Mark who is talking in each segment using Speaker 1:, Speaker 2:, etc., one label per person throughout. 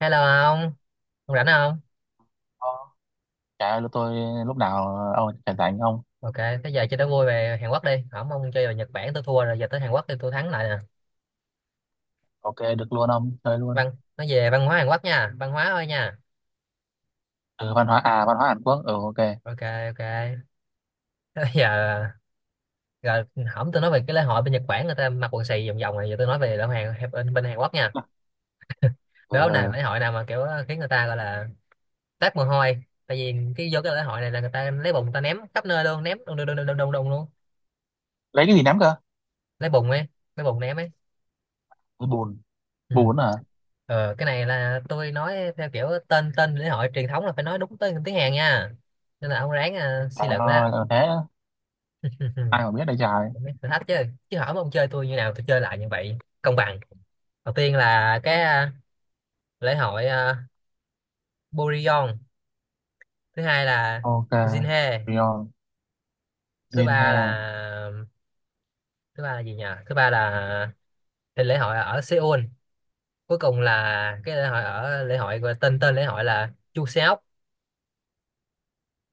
Speaker 1: Hello ông, ông rảnh không?
Speaker 2: Ờ, Trời ơi, tôi lúc nào ông rảnh rảnh.
Speaker 1: Ok, thế giờ chơi đố vui về Hàn Quốc đi. Không, ông chơi về Nhật Bản tôi thua rồi, giờ tới Hàn Quốc thì tôi thắng lại nè.
Speaker 2: Ok, được luôn, ông chơi luôn.
Speaker 1: Văn, nói về văn hóa Hàn Quốc nha, văn hóa thôi nha.
Speaker 2: Ừ, văn hóa, văn hóa Hàn Quốc, ừ ok.
Speaker 1: Ok, ok. Thế giờ, rồi hổng tôi nói về cái lễ hội bên Nhật Bản người ta mặc quần xì vòng vòng này, giờ tôi nói về lễ hội Hàn, bên Hàn Quốc nha.
Speaker 2: ừ,
Speaker 1: Đố này
Speaker 2: ừ.
Speaker 1: lễ hội nào mà kiểu khiến người ta gọi là toát mồ hôi. Tại vì vô cái lễ hội này là người ta lấy bùn người ta ném khắp nơi luôn, ném đùng đùng đùng đùng đùng đùng luôn.
Speaker 2: Lấy cái gì, nắm cơ?
Speaker 1: Lấy bùn ấy, lấy bùn ném ấy.
Speaker 2: Ừ, bùn
Speaker 1: Ừ.
Speaker 2: bùn à.
Speaker 1: Ờ, cái này là tôi nói theo kiểu tên tên lễ hội truyền thống là phải nói đúng tên tiếng Hàn nha, nên là ông ráng
Speaker 2: Trời
Speaker 1: suy luận đó.
Speaker 2: ơi, thế ai mà biết đây trời.
Speaker 1: Cũng biết thử thách chứ, chứ hỏi mà ông chơi tôi như nào tôi chơi lại như vậy công bằng. Đầu tiên là cái lễ hội Burion, thứ hai là
Speaker 2: Ok.
Speaker 1: Jinhae,
Speaker 2: Rion,
Speaker 1: thứ
Speaker 2: Jin He.
Speaker 1: ba là, thứ ba là gì nhỉ, thứ ba là cái lễ hội ở Seoul, cuối cùng là cái lễ hội ở lễ hội tên tên lễ hội là Chuseok.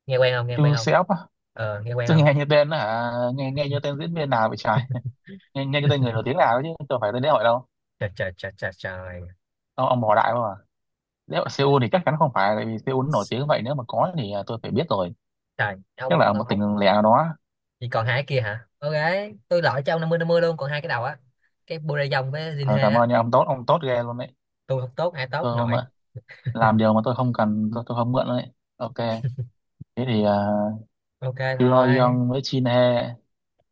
Speaker 1: Nghe quen không, nghe quen
Speaker 2: Chu
Speaker 1: không?
Speaker 2: Seop á?
Speaker 1: Ờ, nghe quen
Speaker 2: Tôi
Speaker 1: không?
Speaker 2: nghe như tên hả, nghe nghe như tên diễn viên nào vậy trời. Nghe như tên người nổi tiếng nào ấy, chứ tôi phải tên lễ hội đâu.
Speaker 1: Trời trời trời trời trời.
Speaker 2: Ông bỏ đại không à? Lễ hội Seoul thì chắc chắn không phải, tại vì Seoul nó nổi tiếng vậy, nếu mà có thì tôi phải biết rồi.
Speaker 1: Trời ông
Speaker 2: Chắc là ở một
Speaker 1: ông không.
Speaker 2: tỉnh lẻ nào đó.
Speaker 1: Chỉ còn hai cái kia hả? Ok, tôi loại cho ông năm mươi luôn, còn hai cái đầu á, cái Burayong với
Speaker 2: Ờ,
Speaker 1: Jinhe
Speaker 2: cảm
Speaker 1: á.
Speaker 2: ơn nha ông tốt ghê luôn đấy.
Speaker 1: Tôi không tốt ai tốt
Speaker 2: Tôi
Speaker 1: không
Speaker 2: không
Speaker 1: nổi.
Speaker 2: ạ. Làm điều mà tôi không cần, tôi không mượn đấy. Ok. Thế thì
Speaker 1: Ok thôi.
Speaker 2: Pyongyang với Chin He.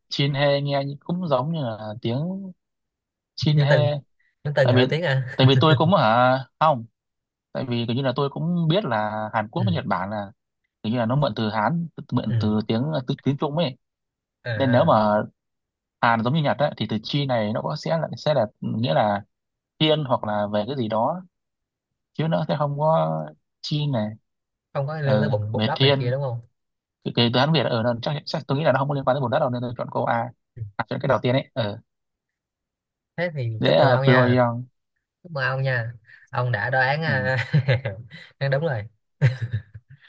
Speaker 2: Chin He nghe như- cũng giống như là tiếng Chin
Speaker 1: Nhắn tin,
Speaker 2: He.
Speaker 1: nhắn tin
Speaker 2: Tại
Speaker 1: người nói
Speaker 2: vì
Speaker 1: tiếng à.
Speaker 2: tại vì tôi cũng hả, không. Tại vì kiểu như là tôi cũng biết là Hàn Quốc với
Speaker 1: Ừ,
Speaker 2: Nhật Bản là kiểu như là nó mượn từ Hán,
Speaker 1: ừ
Speaker 2: mượn từ tiếng Trung ấy.
Speaker 1: à
Speaker 2: Nên nếu
Speaker 1: à.
Speaker 2: mà Hàn giống như Nhật ấy, thì từ chi này nó có sẽ là nghĩa là thiên hoặc là về cái gì đó, chứ nó sẽ không có chi này.
Speaker 1: Không có liên quan tới
Speaker 2: Ừ,
Speaker 1: bụng bụng
Speaker 2: về
Speaker 1: đất này kia
Speaker 2: thiên.
Speaker 1: đúng không?
Speaker 2: Cái đoán Việt ở nó chắc tôi nghĩ là nó không có liên quan tới vùng đất đâu, nên tôi chọn câu A.
Speaker 1: Ừ.
Speaker 2: Chọn cái đầu tiên ấy, ờ
Speaker 1: Thế thì
Speaker 2: dễ
Speaker 1: chúc mừng
Speaker 2: à,
Speaker 1: ông nha,
Speaker 2: Pyongyang.
Speaker 1: chúc mừng ông nha, ông đã đoán
Speaker 2: Ừ,
Speaker 1: đoán đúng rồi.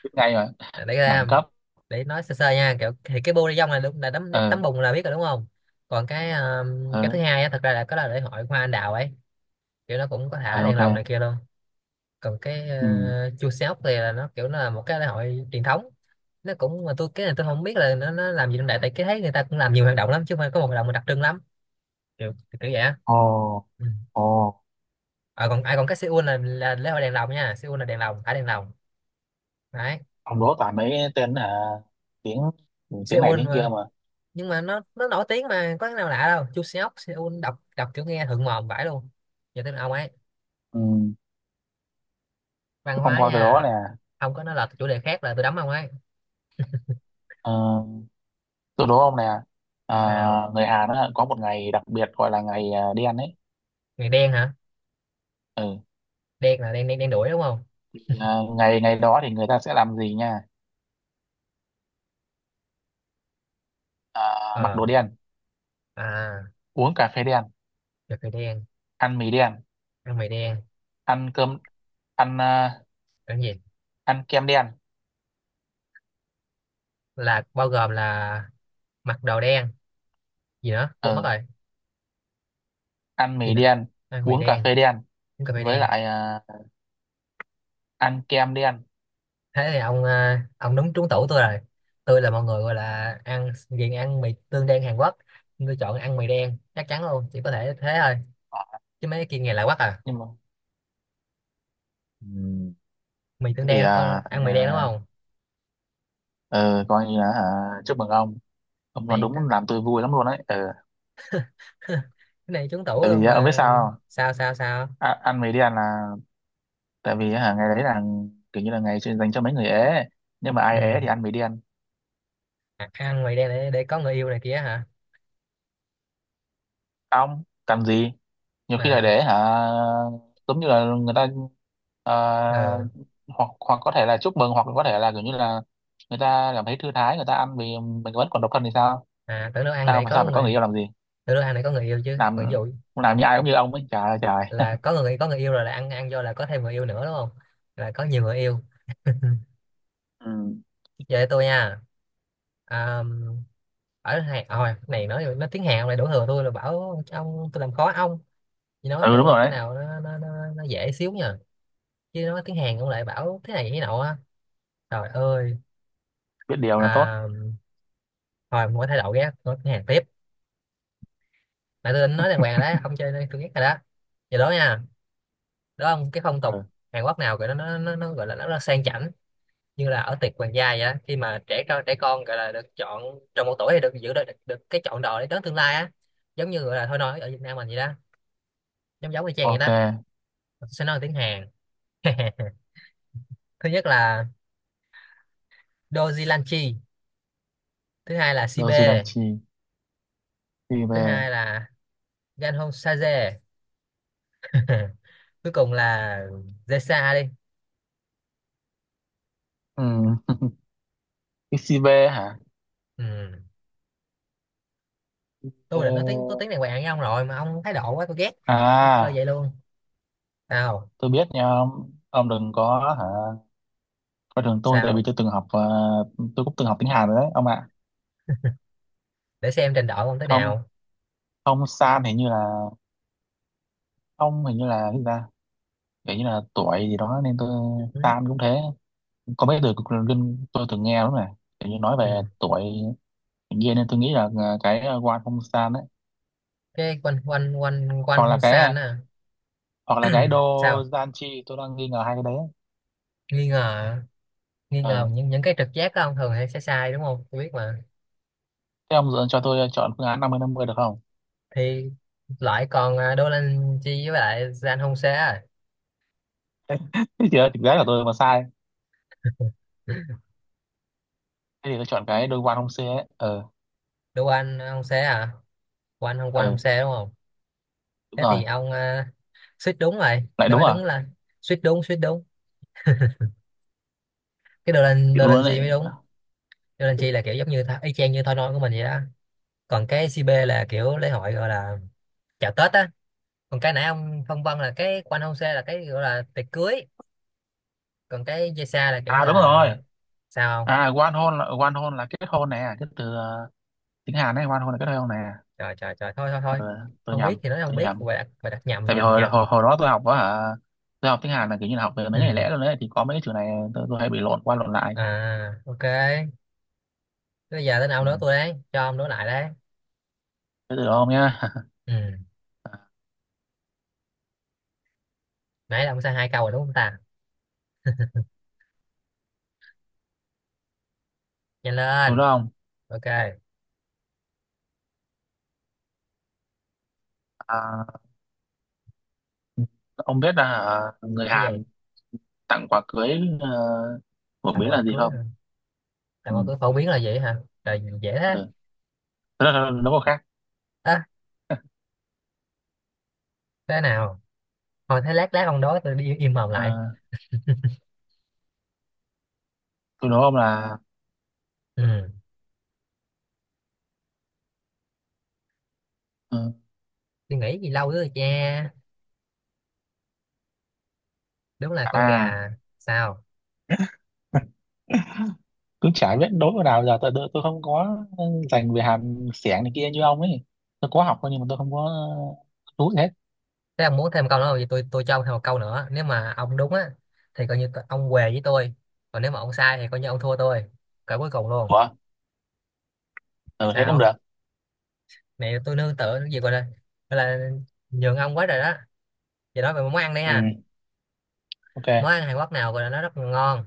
Speaker 2: biết ngay rồi,
Speaker 1: Để ra,
Speaker 2: đẳng cấp.
Speaker 1: để nói sơ sơ nha, kiểu thì cái bu dong là đúng, là tấm
Speaker 2: Ờ,
Speaker 1: tấm bùn là biết rồi đúng không? Còn cái
Speaker 2: ờ,
Speaker 1: thứ hai á, thật ra là có là lễ hội hoa anh đào ấy, kiểu nó cũng có
Speaker 2: ờ,
Speaker 1: thả đèn
Speaker 2: ok,
Speaker 1: lồng này kia luôn. Còn cái
Speaker 2: ừ.
Speaker 1: chua sóc thì là nó kiểu nó là một cái lễ hội truyền thống, nó cũng mà tôi cái này tôi không biết là nó làm gì trong đại, tại cái thấy người ta cũng làm nhiều hoạt động lắm chứ không phải có một hoạt động mà đặc trưng lắm, kiểu kiểu vậy á.
Speaker 2: Ồ,
Speaker 1: Ừ.
Speaker 2: ồ.
Speaker 1: À, còn ai còn cái Seoul là lễ hội đèn lồng nha, Seoul là đèn lồng, thả đèn lồng đấy.
Speaker 2: Ông đố toàn mấy tên tiếng, tiếng này
Speaker 1: Seoul
Speaker 2: tiếng kia
Speaker 1: mà,
Speaker 2: mà.
Speaker 1: nhưng mà nó nổi tiếng mà có cái nào lạ đâu. Chu Seok Seoul đọc đọc kiểu nghe thượng mồm vãi luôn. Giờ tới ông ấy,
Speaker 2: Ừ,
Speaker 1: văn
Speaker 2: ông
Speaker 1: hóa
Speaker 2: coi tôi đố
Speaker 1: nha.
Speaker 2: nè.
Speaker 1: Ông có nói là chủ đề khác là tôi đấm ông ấy.
Speaker 2: Ờ, tôi đố ông nè. à,
Speaker 1: Nào,
Speaker 2: Người Hàn á, có một ngày đặc biệt gọi là ngày đen ấy.
Speaker 1: người đen hả?
Speaker 2: Ừ.
Speaker 1: Đen là đen đen đen đuổi đúng không?
Speaker 2: Ngày ngày đó thì người ta sẽ làm gì nha. à, Mặc đồ
Speaker 1: Ờ,
Speaker 2: đen,
Speaker 1: à,
Speaker 2: uống cà phê đen,
Speaker 1: được người đen,
Speaker 2: ăn mì đen,
Speaker 1: ăn mày đen,
Speaker 2: ăn cơm, ăn
Speaker 1: ăn gì,
Speaker 2: ăn kem đen.
Speaker 1: là bao gồm là mặc đồ đen, gì nữa quên mất
Speaker 2: Ờ,
Speaker 1: rồi,
Speaker 2: ăn
Speaker 1: gì
Speaker 2: mì
Speaker 1: nữa,
Speaker 2: đen,
Speaker 1: ăn mày
Speaker 2: uống cà
Speaker 1: đen,
Speaker 2: phê đen,
Speaker 1: uống cà phê
Speaker 2: với
Speaker 1: đen.
Speaker 2: lại ăn kem đen.
Speaker 1: Thế thì ông ông đúng trúng tủ tôi rồi. Tôi là mọi người gọi là ăn ghiền ăn mì tương đen Hàn Quốc. Nhưng tôi chọn ăn mì đen chắc chắn luôn, chỉ có thể thế thôi,
Speaker 2: Ờ,
Speaker 1: chứ mấy kia nghe lạ quá à.
Speaker 2: nhưng mà ừ,
Speaker 1: Mì tương
Speaker 2: thế thì
Speaker 1: đen ăn mì đen đúng không?
Speaker 2: ờ, coi như là hả, chúc mừng ông. Ông nói
Speaker 1: Này ta-
Speaker 2: đúng làm tôi vui lắm luôn đấy, ờ.
Speaker 1: cái này trúng tủ
Speaker 2: Tại
Speaker 1: luôn
Speaker 2: vì ông biết
Speaker 1: mà.
Speaker 2: sao không?
Speaker 1: Sao sao sao?
Speaker 2: À, ăn mì đen là tại vì hả, ngày đấy là kiểu như là ngày chuyên dành cho mấy người ế, nhưng mà
Speaker 1: Ừ.
Speaker 2: ai ế thì ăn mì đen.
Speaker 1: À, ăn mì đen để có người yêu này kia hả?
Speaker 2: Ông cần gì, nhiều khi là
Speaker 1: À,
Speaker 2: để hả giống như là người ta. Ờ,
Speaker 1: ờ,
Speaker 2: hoặc hoặc có thể là chúc mừng, hoặc có thể là kiểu như là người ta cảm thấy thư thái, người ta ăn vì mình vẫn còn độc thân thì sao.
Speaker 1: à, tưởng đâu ăn để
Speaker 2: Sao sao
Speaker 1: có
Speaker 2: phải có người
Speaker 1: người,
Speaker 2: yêu làm gì,
Speaker 1: tưởng đâu ăn để có người yêu chứ,
Speaker 2: làm
Speaker 1: còn ví dụ
Speaker 2: làm như ai cũng như ông ấy trời ơi trời.
Speaker 1: là có người, có người yêu rồi là ăn, ăn vô là có thêm người yêu nữa đúng không, là có nhiều người yêu.
Speaker 2: Ừ,
Speaker 1: Giờ để tôi nha. À, ở Hàn à, hồi này nói tiếng Hàn này đổ thừa tôi là bảo ông tôi làm khó ông. Chỉ nói
Speaker 2: ừ đúng
Speaker 1: về
Speaker 2: rồi
Speaker 1: cái
Speaker 2: đấy.
Speaker 1: nào nó dễ xíu nha, chứ nói tiếng Hàn ông lại bảo thế này thế nọ á. Trời ơi.
Speaker 2: Biết điều là tốt.
Speaker 1: À, hồi mỗi thay đổi ghét nói tiếng Hàn tiếp, mà tôi định nói đàng hoàng rồi đó ông chơi đây tôi ghét rồi đó. Giờ đó nha, đó ông, cái phong tục
Speaker 2: Ừ,
Speaker 1: Hàn Quốc nào gọi nó gọi là nó sang chảnh như là ở tiệc hoàng gia vậy á, khi mà trẻ con gọi là được chọn trong một tuổi thì được giữ được cái chọn đời đến tương lai á, giống như gọi là thôi nói ở Việt Nam mình vậy đó, giống giống y chang vậy
Speaker 2: ok.
Speaker 1: đó. Tôi sẽ nói tiếng Hàn. Thứ nhất là Doji Lanchi, thứ hai là
Speaker 2: Đâu gì đang
Speaker 1: Sibe,
Speaker 2: chi, chi
Speaker 1: thứ
Speaker 2: về.
Speaker 1: hai là Ganhong Saje, cuối cùng là Zesa đi.
Speaker 2: Ừ. Cái XCV hả?
Speaker 1: Ừ.
Speaker 2: Ờ,
Speaker 1: Tôi định nói tiếng có tiếng này quen với ông rồi mà ông thái độ quá tôi ghét, tôi chơi
Speaker 2: à
Speaker 1: vậy luôn. Sao
Speaker 2: tôi biết nha ông. Ông đừng có hả coi thường tôi, tại vì
Speaker 1: sao?
Speaker 2: tôi từng học tôi cũng từng học tiếng Hàn rồi đấy ông ạ.
Speaker 1: Để xem trình độ ông thế
Speaker 2: Không,
Speaker 1: nào.
Speaker 2: không San hình như là không, hình như là cái gì ta, kiểu như là tuổi gì đó nên tôi
Speaker 1: Ừ.
Speaker 2: Tan cũng thế. Có mấy từ cực linh tôi từng nghe đúng này, kiểu như nói
Speaker 1: Ừ.
Speaker 2: về tuổi kia, nên tôi nghĩ là cái Wan Hong San đấy,
Speaker 1: Cái quanh quanh quanh quanh
Speaker 2: hoặc là
Speaker 1: không
Speaker 2: cái
Speaker 1: san á.
Speaker 2: hoặc là cái Do
Speaker 1: Sao?
Speaker 2: Gian Chi, tôi đang nghi ngờ hai cái đấy.
Speaker 1: Nghi ngờ, nghi ngờ
Speaker 2: Ừ,
Speaker 1: những cái trực giác của ông thường hay sẽ sai đúng không, tôi biết mà.
Speaker 2: thế ông dựa cho tôi chọn phương án năm mươi được không?
Speaker 1: Thì loại còn Dolanchi với lại San Jose à.
Speaker 2: Thế thì ờ, thực ra là tôi mà sai, thế thì tôi chọn cái Do Wan Hong Se ấy, ờ.
Speaker 1: Đô Anh không xé à? Quanh không
Speaker 2: Ừ
Speaker 1: xé đúng không?
Speaker 2: đúng
Speaker 1: Thế
Speaker 2: rồi.
Speaker 1: thì ông suýt đúng rồi
Speaker 2: Lại
Speaker 1: nếu
Speaker 2: đúng
Speaker 1: mà
Speaker 2: à.
Speaker 1: đúng là, suýt đúng suýt đúng. Cái
Speaker 2: Chịu
Speaker 1: đồ lên
Speaker 2: luôn
Speaker 1: gì
Speaker 2: đấy.
Speaker 1: mới đúng. Đồ lên Chi là kiểu giống như tho- y chang như Thôi Nói của mình vậy đó. Còn cái CB là kiểu lễ hội gọi là chào Tết á. Còn cái nãy ông phân vân là cái của anh Hông Sê là cái gọi là tiệc cưới. Còn cái dây xa là kiểu như
Speaker 2: À đúng
Speaker 1: là,
Speaker 2: rồi.
Speaker 1: sao không?
Speaker 2: À Wan Hon là, Wan Hon là kết hôn nè, cái từ tiếng Hàn ấy, Wan Hon là kết hôn nè.
Speaker 1: Trời trời trời thôi thôi thôi.
Speaker 2: Ừ, tôi
Speaker 1: Không biết
Speaker 2: nhầm,
Speaker 1: thì nói không
Speaker 2: tôi
Speaker 1: biết,
Speaker 2: nhầm.
Speaker 1: bài đặt nhầm
Speaker 2: Tại vì
Speaker 1: nhầm
Speaker 2: hồi
Speaker 1: nhầm.
Speaker 2: hồi, hồi đó tôi học đó hả, tôi học tiếng Hàn là kiểu như là học về
Speaker 1: Ừ
Speaker 2: mấy ngày lẻ luôn đấy, thì có mấy cái chữ này tôi hay bị lộn qua lộn lại.
Speaker 1: à ok. Bây giờ đến ông
Speaker 2: Ừ.
Speaker 1: nữa tôi đấy cho ông đối lại đấy.
Speaker 2: Thế từ đó ông nhá.
Speaker 1: Ừ. Nãy là ông sai hai câu rồi đúng không ta, nhanh
Speaker 2: Từ
Speaker 1: lên.
Speaker 2: đó ông,
Speaker 1: Ok, cái
Speaker 2: à, ông biết là hả, người
Speaker 1: gì?
Speaker 2: Hàn tặng quà cưới ờ, phổ
Speaker 1: Tặng
Speaker 2: biến
Speaker 1: quà
Speaker 2: là gì
Speaker 1: cưới hả?
Speaker 2: không? Ừ.
Speaker 1: Tặng quà cưới phổ biến là gì hả, trời dễ thế.
Speaker 2: Ừ. Thế là nó có khác.
Speaker 1: À, thế nào? Thôi thế lát lát ông đói tôi đi im mồm
Speaker 2: Ờ,
Speaker 1: lại.
Speaker 2: từ đó ông là
Speaker 1: Ừ.
Speaker 2: ừ.
Speaker 1: Tôi nghĩ gì lâu nữa rồi cha, đúng là con
Speaker 2: À,
Speaker 1: gà. Sao?
Speaker 2: cứ chả biết đối vào nào, giờ tôi không có dành về Hàn xẻng này kia như ông ấy. Tôi có học thôi nhưng mà tôi không có chú hết.
Speaker 1: Thế ông muốn thêm câu nữa không? Thì tôi cho ông thêm một câu nữa nếu mà ông đúng á, thì coi như t- ông què với tôi, còn nếu mà ông sai thì coi như ông thua tôi, cỡ cuối cùng luôn.
Speaker 2: Ủa, ừ, thế cũng
Speaker 1: Sao?
Speaker 2: được.
Speaker 1: Này tôi nương tựa cái gì gọi là, gọi là nhường ông quá rồi đó. Giờ nói về món ăn đi
Speaker 2: Ừ,
Speaker 1: ha. Món
Speaker 2: ok.
Speaker 1: ăn Hàn Quốc nào gọi là nó rất là ngon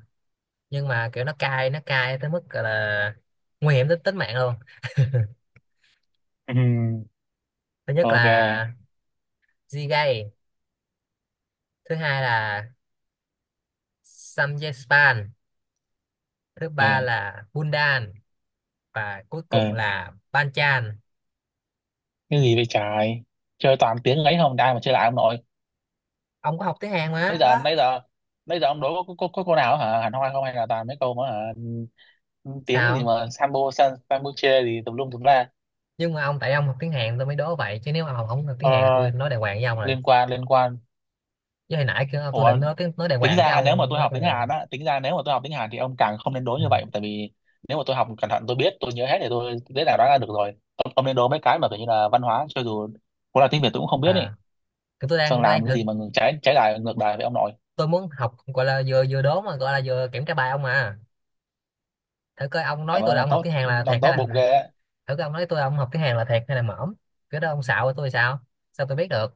Speaker 1: nhưng mà kiểu nó cay, nó cay tới mức gọi là nguy hiểm tới tính mạng luôn.
Speaker 2: Ừ,
Speaker 1: Thứ nhất
Speaker 2: ok.
Speaker 1: là Jjigae, thứ hai là Samgyeopsal, thứ
Speaker 2: Ừ,
Speaker 1: ba là Bundan, và cuối cùng
Speaker 2: ừ.
Speaker 1: là Banchan.
Speaker 2: Cái gì vậy trời? Chơi toàn tiếng ấy, không ai mà chơi lại ông nội.
Speaker 1: Ông có học tiếng Hàn mà.
Speaker 2: Bây giờ bây giờ bây giờ ông đối có cô nào hả? Hẳn hoi không hay là toàn mấy câu mà hả? Ừ, tiếng gì
Speaker 1: Sao?
Speaker 2: mà sambo san, sambuche gì tùm lum tùm la.
Speaker 1: Nhưng mà ông, tại ông học tiếng Hàn tôi mới đố vậy, chứ nếu mà ông không học tiếng
Speaker 2: Thôi,
Speaker 1: Hàn thì
Speaker 2: thôi, thôi,
Speaker 1: tôi nói đàng hoàng với ông rồi.
Speaker 2: liên quan liên quan.
Speaker 1: Chứ hồi nãy kêu tôi
Speaker 2: Ủa,
Speaker 1: định nói tiếng nói đàng
Speaker 2: tính
Speaker 1: hoàng cái
Speaker 2: ra nếu mà
Speaker 1: ông
Speaker 2: tôi
Speaker 1: nói
Speaker 2: học
Speaker 1: tôi
Speaker 2: tiếng
Speaker 1: là.
Speaker 2: Hàn á, tính ra nếu mà tôi học tiếng Hàn thì ông càng không nên đố
Speaker 1: Ừ.
Speaker 2: như vậy, tại vì nếu mà tôi học cẩn thận tôi biết, tôi nhớ hết thì tôi dễ dàng đoán ra được rồi. Ông nên đố mấy cái mà kiểu như là văn hóa, cho dù có là tiếng Việt tôi cũng không biết ý.
Speaker 1: À, cái tôi
Speaker 2: Sơn
Speaker 1: đang tôi đang
Speaker 2: làm cái gì
Speaker 1: thử,
Speaker 2: mà trái trái lại ngược lại với ông nội.
Speaker 1: tôi muốn học gọi là vừa vừa đố mà gọi là vừa kiểm tra bài ông mà, thử coi ông nói
Speaker 2: Làm
Speaker 1: tôi
Speaker 2: ơn
Speaker 1: là
Speaker 2: là
Speaker 1: ông học
Speaker 2: tốt,
Speaker 1: tiếng Hàn là thiệt
Speaker 2: ông
Speaker 1: hay
Speaker 2: tốt bụng
Speaker 1: là.
Speaker 2: ghê á.
Speaker 1: Thử coi ông nói tôi là ông học tiếng Hàn là thiệt hay là mỏm. Cái đó ông xạo với tôi sao, sao tôi biết được.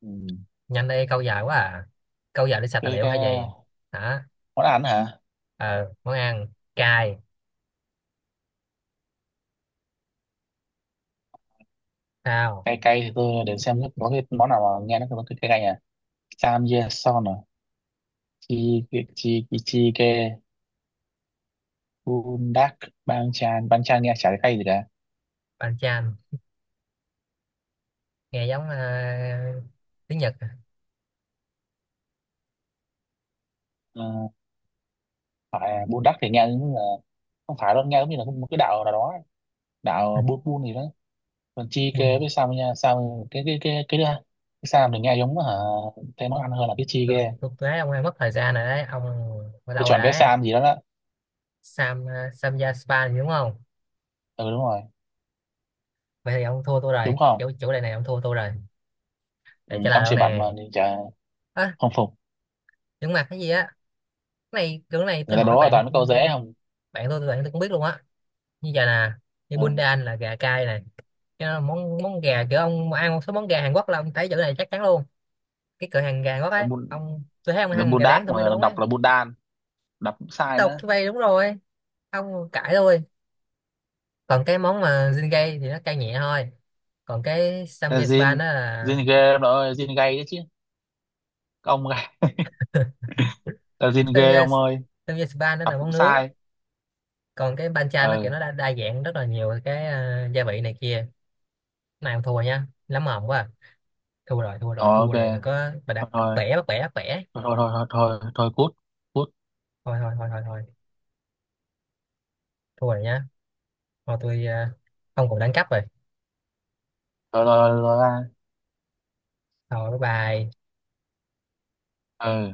Speaker 2: Ừ.
Speaker 1: Nhanh đây câu dài quá à, câu dài để sạch tài
Speaker 2: cái
Speaker 1: liệu
Speaker 2: cái
Speaker 1: hay gì. Hả?
Speaker 2: món ăn hả,
Speaker 1: Ờ món ăn cay. Sao?
Speaker 2: cay. Cay thì tôi để xem có cái món nào mà nghe nó có cái cay cay à. Samgyeopsal à, chi, chi ke, bundak, banchan, banchan nghe chả thấy cay gì cả.
Speaker 1: Bánh chan, nghe giống tiếng Nhật à.
Speaker 2: Ờ, phải bundak thì nghe giống như là không phải đâu, nghe giống như là một cái đạo nào đó, đạo bun bun gì đó. Còn chi
Speaker 1: Quỳnh.
Speaker 2: ke với sam nha sam. Cái cái cái cái cái, cái sam thì nghe giống hả, thấy món ăn hơn là cái chi
Speaker 1: Tôi,
Speaker 2: ke.
Speaker 1: tôi thấy ông đang mất thời gian rồi đấy ông, bao
Speaker 2: Tôi
Speaker 1: lâu rồi
Speaker 2: chọn cái
Speaker 1: đấy.
Speaker 2: sam gì đó đó.
Speaker 1: Sam, Samja Spa gì đúng không?
Speaker 2: Ừ đúng rồi.
Speaker 1: Vậy thì ông thua tôi
Speaker 2: Đúng
Speaker 1: rồi,
Speaker 2: không?
Speaker 1: kiểu chủ đề này ông thua tôi rồi.
Speaker 2: Ừ,
Speaker 1: Để trả lời
Speaker 2: ông
Speaker 1: đâu
Speaker 2: siêu mạnh mà
Speaker 1: nè.
Speaker 2: nên chả
Speaker 1: À,
Speaker 2: không phục.
Speaker 1: những mặt cái gì á. Cái này kiểu này
Speaker 2: Người
Speaker 1: tôi
Speaker 2: ta
Speaker 1: hỏi
Speaker 2: đố là
Speaker 1: bạn,
Speaker 2: toàn mấy câu dễ không.
Speaker 1: bạn tôi cũng biết luôn á. Như vậy nè, như
Speaker 2: Ừ,
Speaker 1: Bundan là gà cay này, cái đó là món món gà, kiểu ông ăn một số món gà Hàn Quốc là ông thấy chữ này chắc chắn luôn. Cái cửa hàng gà Hàn Quốc ấy
Speaker 2: bun
Speaker 1: ông, tôi thấy ông
Speaker 2: là
Speaker 1: ăn
Speaker 2: bun
Speaker 1: gà rán
Speaker 2: đát
Speaker 1: tôi mới
Speaker 2: mà
Speaker 1: đúng ấy.
Speaker 2: đọc là bun đan, đọc cũng sai
Speaker 1: Đọc
Speaker 2: nữa.
Speaker 1: cái vây đúng rồi, ông cãi thôi. Còn cái món mà Jingay thì nó cay nhẹ thôi. Còn cái
Speaker 2: Là
Speaker 1: samgye
Speaker 2: zin,
Speaker 1: spa nó là,
Speaker 2: zin ghê ông ơi, zin gay đấy chứ. Các ông gay là zin ghê
Speaker 1: samgye,
Speaker 2: ông ơi.
Speaker 1: samgye spa nó
Speaker 2: Đọc
Speaker 1: là
Speaker 2: cũng
Speaker 1: món nướng.
Speaker 2: sai.
Speaker 1: Còn cái bancha nó kiểu
Speaker 2: Ừ.
Speaker 1: nó đa dạng rất là nhiều cái gia vị này kia. Cái này không thua nha, lắm mồm quá à. Thua rồi thua
Speaker 2: Ờ,
Speaker 1: rồi thua
Speaker 2: ok.
Speaker 1: rồi, đừng có bà đặt
Speaker 2: thôi
Speaker 1: bẻ bắt bẻ.
Speaker 2: thôi thôi thôi thôi thôi, thôi cút, cút.
Speaker 1: Thôi thôi thôi thôi thôi, thua rồi nha. Thôi tôi không còn đánh cắp rồi.
Speaker 2: Rồi rồi rồi ra.
Speaker 1: Thôi bye bye.
Speaker 2: Ừ.